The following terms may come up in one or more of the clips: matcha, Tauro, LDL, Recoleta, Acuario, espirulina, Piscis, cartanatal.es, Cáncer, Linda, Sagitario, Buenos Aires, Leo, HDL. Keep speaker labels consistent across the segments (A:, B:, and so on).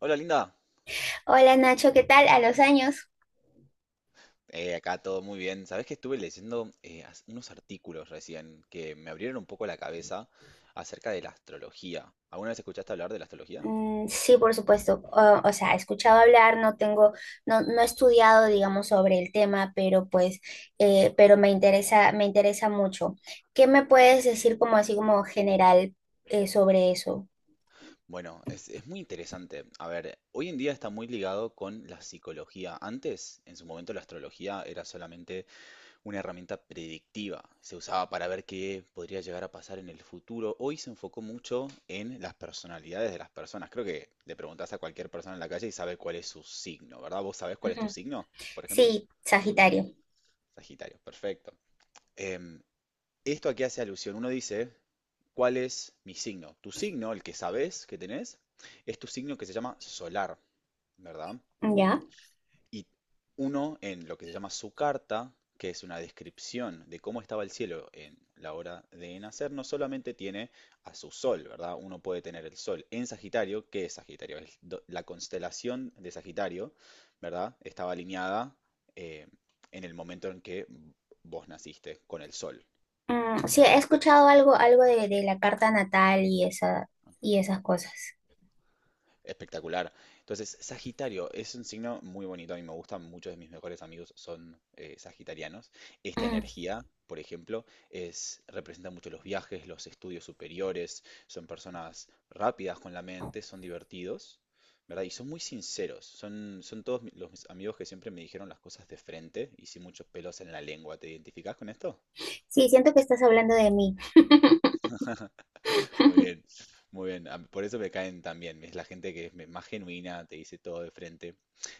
A: Hola, Linda.
B: Hola Nacho, ¿qué tal? ¿A los años?
A: Acá todo muy bien. Sabes que estuve leyendo unos artículos recién que me abrieron un poco la cabeza acerca de la astrología. ¿Alguna vez escuchaste hablar de la astrología?
B: Mm, sí, por supuesto. O sea, he escuchado hablar, no tengo, no he estudiado, digamos, sobre el tema, pero pues, pero me interesa mucho. ¿Qué me puedes decir como así como general sobre eso?
A: Bueno, es muy interesante. A ver, hoy en día está muy ligado con la psicología. Antes, en su momento, la astrología era solamente una herramienta predictiva. Se usaba para ver qué podría llegar a pasar en el futuro. Hoy se enfocó mucho en las personalidades de las personas. Creo que le preguntás a cualquier persona en la calle y sabe cuál es su signo, ¿verdad? ¿Vos sabés cuál es tu
B: Ujú.
A: signo? Por ejemplo,
B: Sí, Sagitario.
A: Sagitario, perfecto. Em, Esto aquí hace alusión. Uno dice, ¿cuál es mi signo? Tu signo, el que sabés que tenés, es tu signo que se llama solar, ¿verdad?
B: ¿Ya?
A: Y uno en lo que se llama su carta, que es una descripción de cómo estaba el cielo en la hora de nacer, no solamente tiene a su sol, ¿verdad? Uno puede tener el sol en Sagitario. ¿Qué es Sagitario? La constelación de Sagitario, ¿verdad? Estaba alineada eh, en el momento en que vos naciste con el sol,
B: Mm, sí, he
A: ¿verdad?
B: escuchado algo, de la carta natal y esas cosas.
A: Espectacular. Entonces, Sagitario es un signo muy bonito. A mí me gustan, muchos de mis mejores amigos son sagitarianos. Esta
B: Mm,
A: energía, por ejemplo, es representa mucho los viajes, los estudios superiores. Son personas rápidas con la mente, son divertidos, ¿verdad? Y son muy sinceros. Los mis amigos que siempre me dijeron las cosas de frente y sin muchos pelos en la lengua. ¿Te identificás con esto?
B: sí, siento que estás hablando de mí.
A: Muy bien, muy bien. Por eso me caen también. Es la gente que más genuina, te dice todo de frente.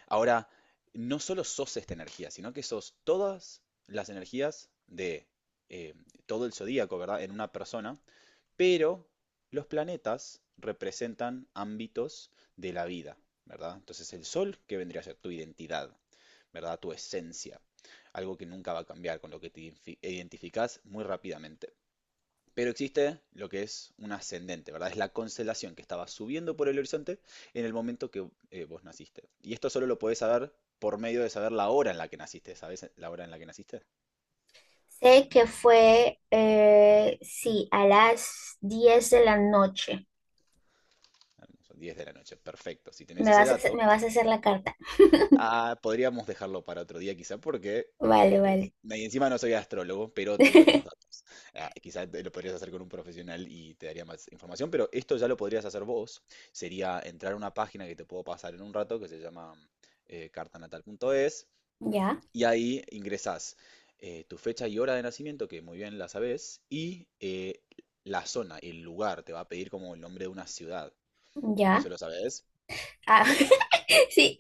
A: Ahora, no solo sos esta energía, sino que sos todas las energías de eh, todo el zodíaco, ¿verdad? En una persona, pero los planetas representan ámbitos de la vida, ¿verdad? Entonces el sol, que vendría a ser tu identidad, ¿verdad? Tu esencia, algo que nunca va a cambiar, con lo que te identificas muy rápidamente. Pero existe lo que es un ascendente, ¿verdad? Es la constelación que estaba subiendo por el horizonte en el momento que vos naciste. Y esto solo lo podés saber por medio de saber la hora en la que naciste. ¿Sabés la hora en la que naciste?
B: Sé que fue, sí, a las 10 de la noche.
A: Ah, no, son 10 de la noche. Perfecto. Si tenés ese dato...
B: Me vas a hacer la carta.
A: Ah, podríamos dejarlo para otro día quizá porque
B: Vale, vale.
A: y encima no soy astrólogo, pero tengo estos datos. Ah, quizá lo podrías hacer con un profesional y te daría más información, pero esto ya lo podrías hacer vos. Sería entrar a una página que te puedo pasar en un rato que se llama cartanatal.es,
B: Ya,
A: y ahí ingresás tu fecha y hora de nacimiento, que muy bien la sabés, y la zona, el lugar, te va a pedir como el nombre de una ciudad. ¿Eso
B: ya.
A: lo sabés?
B: Ah, sí.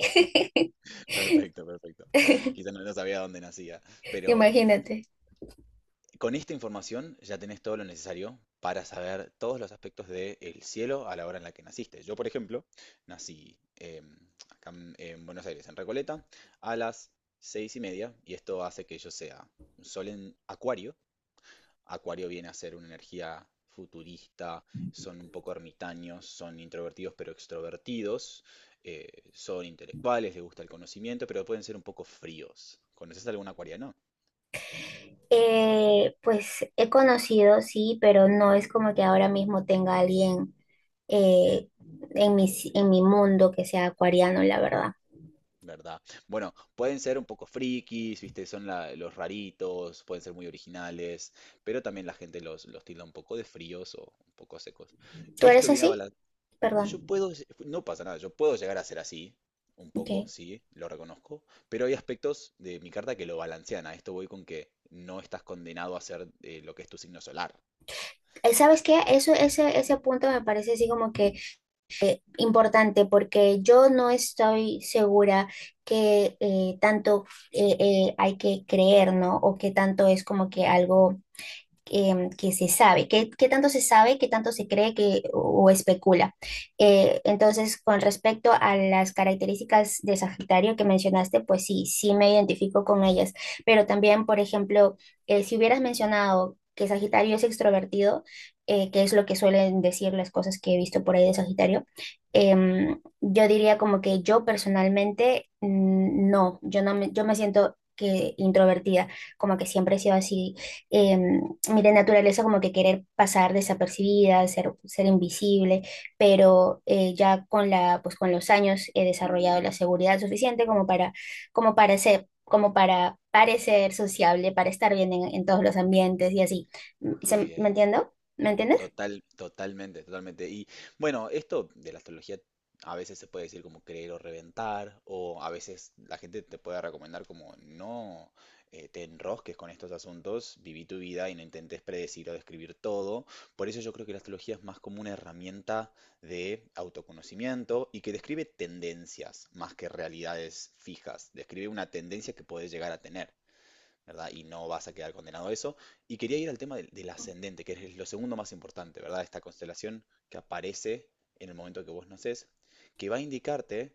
A: Perfecto, perfecto. Quizá no sabía dónde nacía, pero...
B: Imagínate.
A: Con esta información ya tenés todo lo necesario para saber todos los aspectos del cielo a la hora en la que naciste. Yo, por ejemplo, nací acá en Buenos Aires, en Recoleta, a las 6:30, y esto hace que yo sea un sol en Acuario. Acuario viene a ser una energía futurista, son un poco ermitaños, son introvertidos pero extrovertidos, son intelectuales, les gusta el conocimiento, pero pueden ser un poco fríos. ¿Conoces algún acuariano?
B: Pues he conocido, sí, pero no es como que ahora mismo tenga alguien
A: Mm.
B: eh, en en mi mundo que sea acuariano, la verdad.
A: ¿Verdad? Bueno, pueden ser un poco frikis, ¿viste? Los raritos, pueden ser muy originales, pero también la gente los tilda un poco de fríos o un poco secos.
B: ¿Tú eres
A: Esto viene a
B: así?
A: balan- Yo
B: Perdón.
A: puedo, no pasa nada, yo puedo llegar a ser así, un
B: Ok.
A: poco, sí, lo reconozco, pero hay aspectos de mi carta que lo balancean. A esto voy con que no estás condenado a ser lo que es tu signo solar.
B: ¿Sabes qué? Ese, ese punto me parece así como que importante porque yo no estoy segura que tanto hay que creer, ¿no? O que tanto es como que algo que se sabe, qué tanto se sabe, qué tanto se cree que, o especula. Entonces, con respecto a las características de Sagitario que mencionaste, pues sí, sí me identifico con ellas, pero también, por ejemplo, si hubieras mencionado que Sagitario es extrovertido, que es lo que suelen decir las cosas que he visto por ahí de Sagitario, yo diría como que yo personalmente no, yo no me, yo me siento que introvertida, como que siempre he sido así. em, Mi de naturaleza como que querer pasar desapercibida, ser invisible, pero ya pues con los años he desarrollado la seguridad suficiente como para, como para ser, como para parecer sociable, para estar bien en todos los ambientes y así.
A: Qué
B: ¿Me
A: bien.
B: entiendo? ¿Me entiendes?
A: Total, totalmente, totalmente. Y bueno, esto de la astrología a veces se puede decir como creer o reventar, o a veces la gente te puede recomendar como no te enrosques con estos asuntos, viví tu vida y no intentes predecir o describir todo. Por eso yo creo que la astrología es más como una herramienta de autoconocimiento y que describe tendencias más que realidades fijas, describe una tendencia que puedes llegar a tener, ¿verdad? Y no vas a quedar condenado a eso. Y quería ir al tema del ascendente, que es lo segundo más importante, ¿verdad? Esta constelación que aparece en el momento que vos nacés, que va a indicarte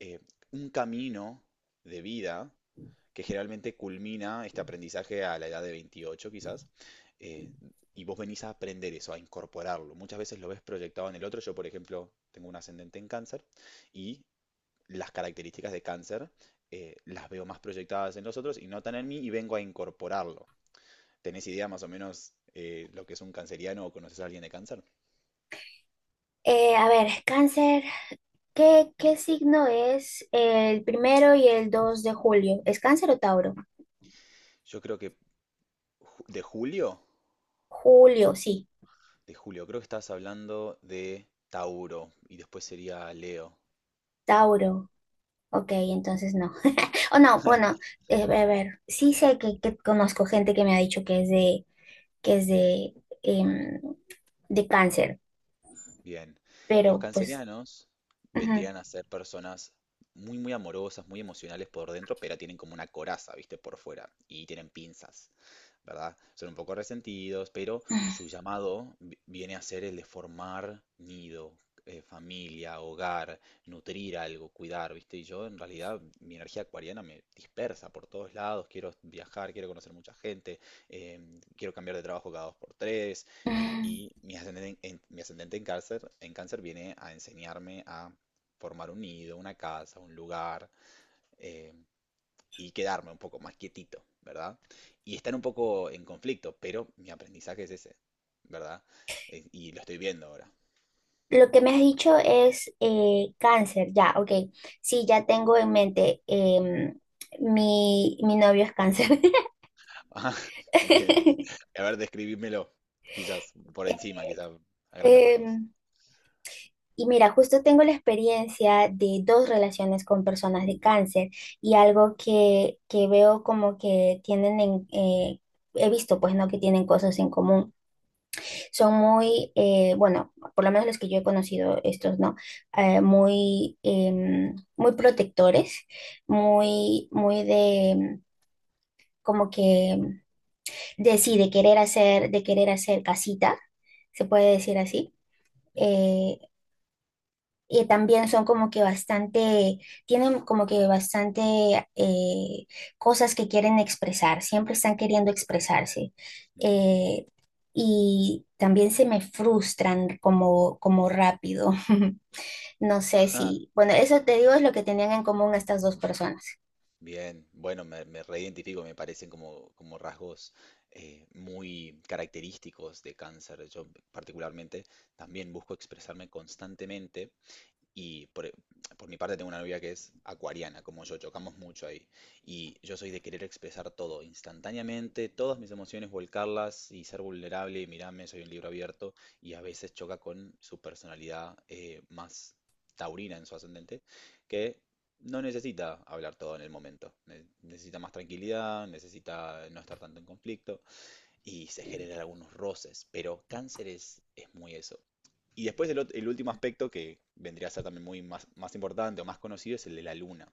A: eh, un camino de vida que generalmente culmina este aprendizaje a la edad de 28 quizás, eh, y vos venís a aprender eso, a incorporarlo. Muchas veces lo ves proyectado en el otro. Yo, por ejemplo, tengo un ascendente en cáncer, y las características de cáncer las veo más proyectadas en los otros y no tan en mí, y vengo a incorporarlo. ¿Tenés idea más o menos lo que es un canceriano o conoces a alguien de cáncer?
B: A ver, cáncer, ¿qué signo es el primero y el 2 de julio? ¿Es cáncer o Tauro?
A: Yo creo que de julio,
B: Julio, sí,
A: de julio, creo que estabas hablando de Tauro y después sería Leo.
B: Tauro. Ok, entonces no. O no, bueno, a ver, sí sé que conozco gente que me ha dicho que es de, que es de, em, de cáncer,
A: Bien, los
B: pero pues
A: cancerianos
B: ujú.
A: vendrían a ser personas muy, muy amorosas, muy emocionales por dentro, pero tienen como una coraza, ¿viste? Por fuera, y tienen pinzas, ¿verdad? Son un poco resentidos, pero su llamado viene a ser el de formar nido, familia, hogar, nutrir algo, cuidar, ¿viste? Y yo en realidad mi energía acuariana me dispersa por todos lados, quiero viajar, quiero conocer mucha gente, quiero cambiar de trabajo cada dos por tres,
B: Mm,
A: y mi ascendente mi ascendente en cáncer viene a enseñarme a formar un nido, una casa, un lugar. em, y quedarme un poco más quietito, ¿verdad? Y estar un poco en conflicto, pero mi aprendizaje es ese, ¿verdad? Y lo estoy viendo ahora.
B: lo que me has dicho es cáncer, ya, ok. Sí, ya tengo en mente, mi novio es cáncer.
A: Ah, bien, y a ver, describímelo, quizás por encima, quizás a grandes rasgos.
B: Em, Y mira, justo tengo la experiencia de dos relaciones con personas de cáncer y algo que veo como que tienen en... he visto, pues, no que tienen cosas en común. Son muy, bueno, por lo menos los que yo he conocido, estos, ¿no? Muy, muy protectores, muy de, como que, de sí, de querer hacer casita, se puede decir así.
A: Ujú,
B: Eh, Y también son como que bastante, tienen como que bastante eh, cosas que quieren expresar, siempre están queriendo expresarse.
A: ujú.
B: Eh, y también se me frustran como, como rápido. No sé si, bueno, eso te digo es lo que tenían en común estas dos personas.
A: Bien, bueno, me reidentifico, me parecen como, como rasgos muy característicos de cáncer. Yo particularmente también busco expresarme constantemente. Y por, e- por mi parte tengo una novia que es acuariana, como yo, chocamos mucho ahí. Y yo soy de querer expresar todo instantáneamente, todas mis emociones, volcarlas y ser vulnerable y mirarme, soy un libro abierto. Y a veces choca con su personalidad más taurina en su ascendente, que no necesita hablar todo en el momento. Necesita más tranquilidad, necesita no estar tanto en conflicto y se generan algunos roces. Pero Cáncer es muy eso. Y después el último aspecto que vendría a ser también más importante o más conocido es el de la luna,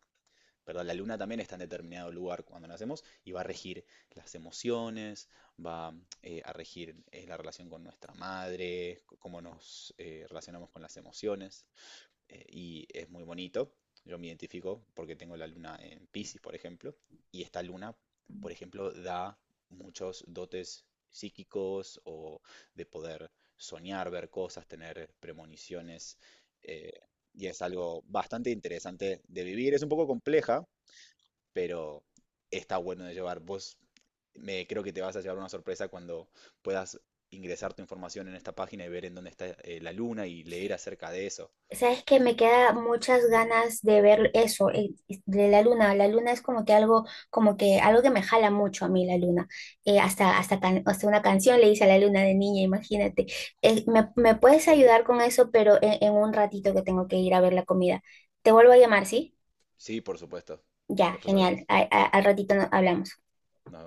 A: ¿verdad? La luna también está en determinado lugar cuando nacemos y va a regir las emociones, va a regir la relación con nuestra madre, cómo nos relacionamos con las emociones, y es muy bonito. Yo me identifico porque tengo la luna en Piscis, por ejemplo, y esta luna, por ejemplo, da muchos dotes psíquicos o de poder soñar, ver cosas, tener premoniciones, eh, y es algo bastante interesante de vivir. Es un poco compleja, pero está bueno de llevar. Vos, me creo que te vas a llevar una sorpresa cuando puedas ingresar tu información en esta página y ver en dónde está la luna y leer acerca de eso.
B: Sabes que me queda muchas ganas de ver eso, de la luna. La luna es como que algo que me jala mucho a mí, la luna. Hasta una canción le hice a la luna de niña, imagínate. Me puedes
A: Qué
B: ayudar
A: lindo.
B: con eso, pero en un ratito que tengo que ir a ver la comida. Te vuelvo a llamar, ¿sí?
A: Sí, por supuesto.
B: Ya,
A: Después
B: genial.
A: hablamos.
B: Al ratito hablamos.
A: Nos vemos.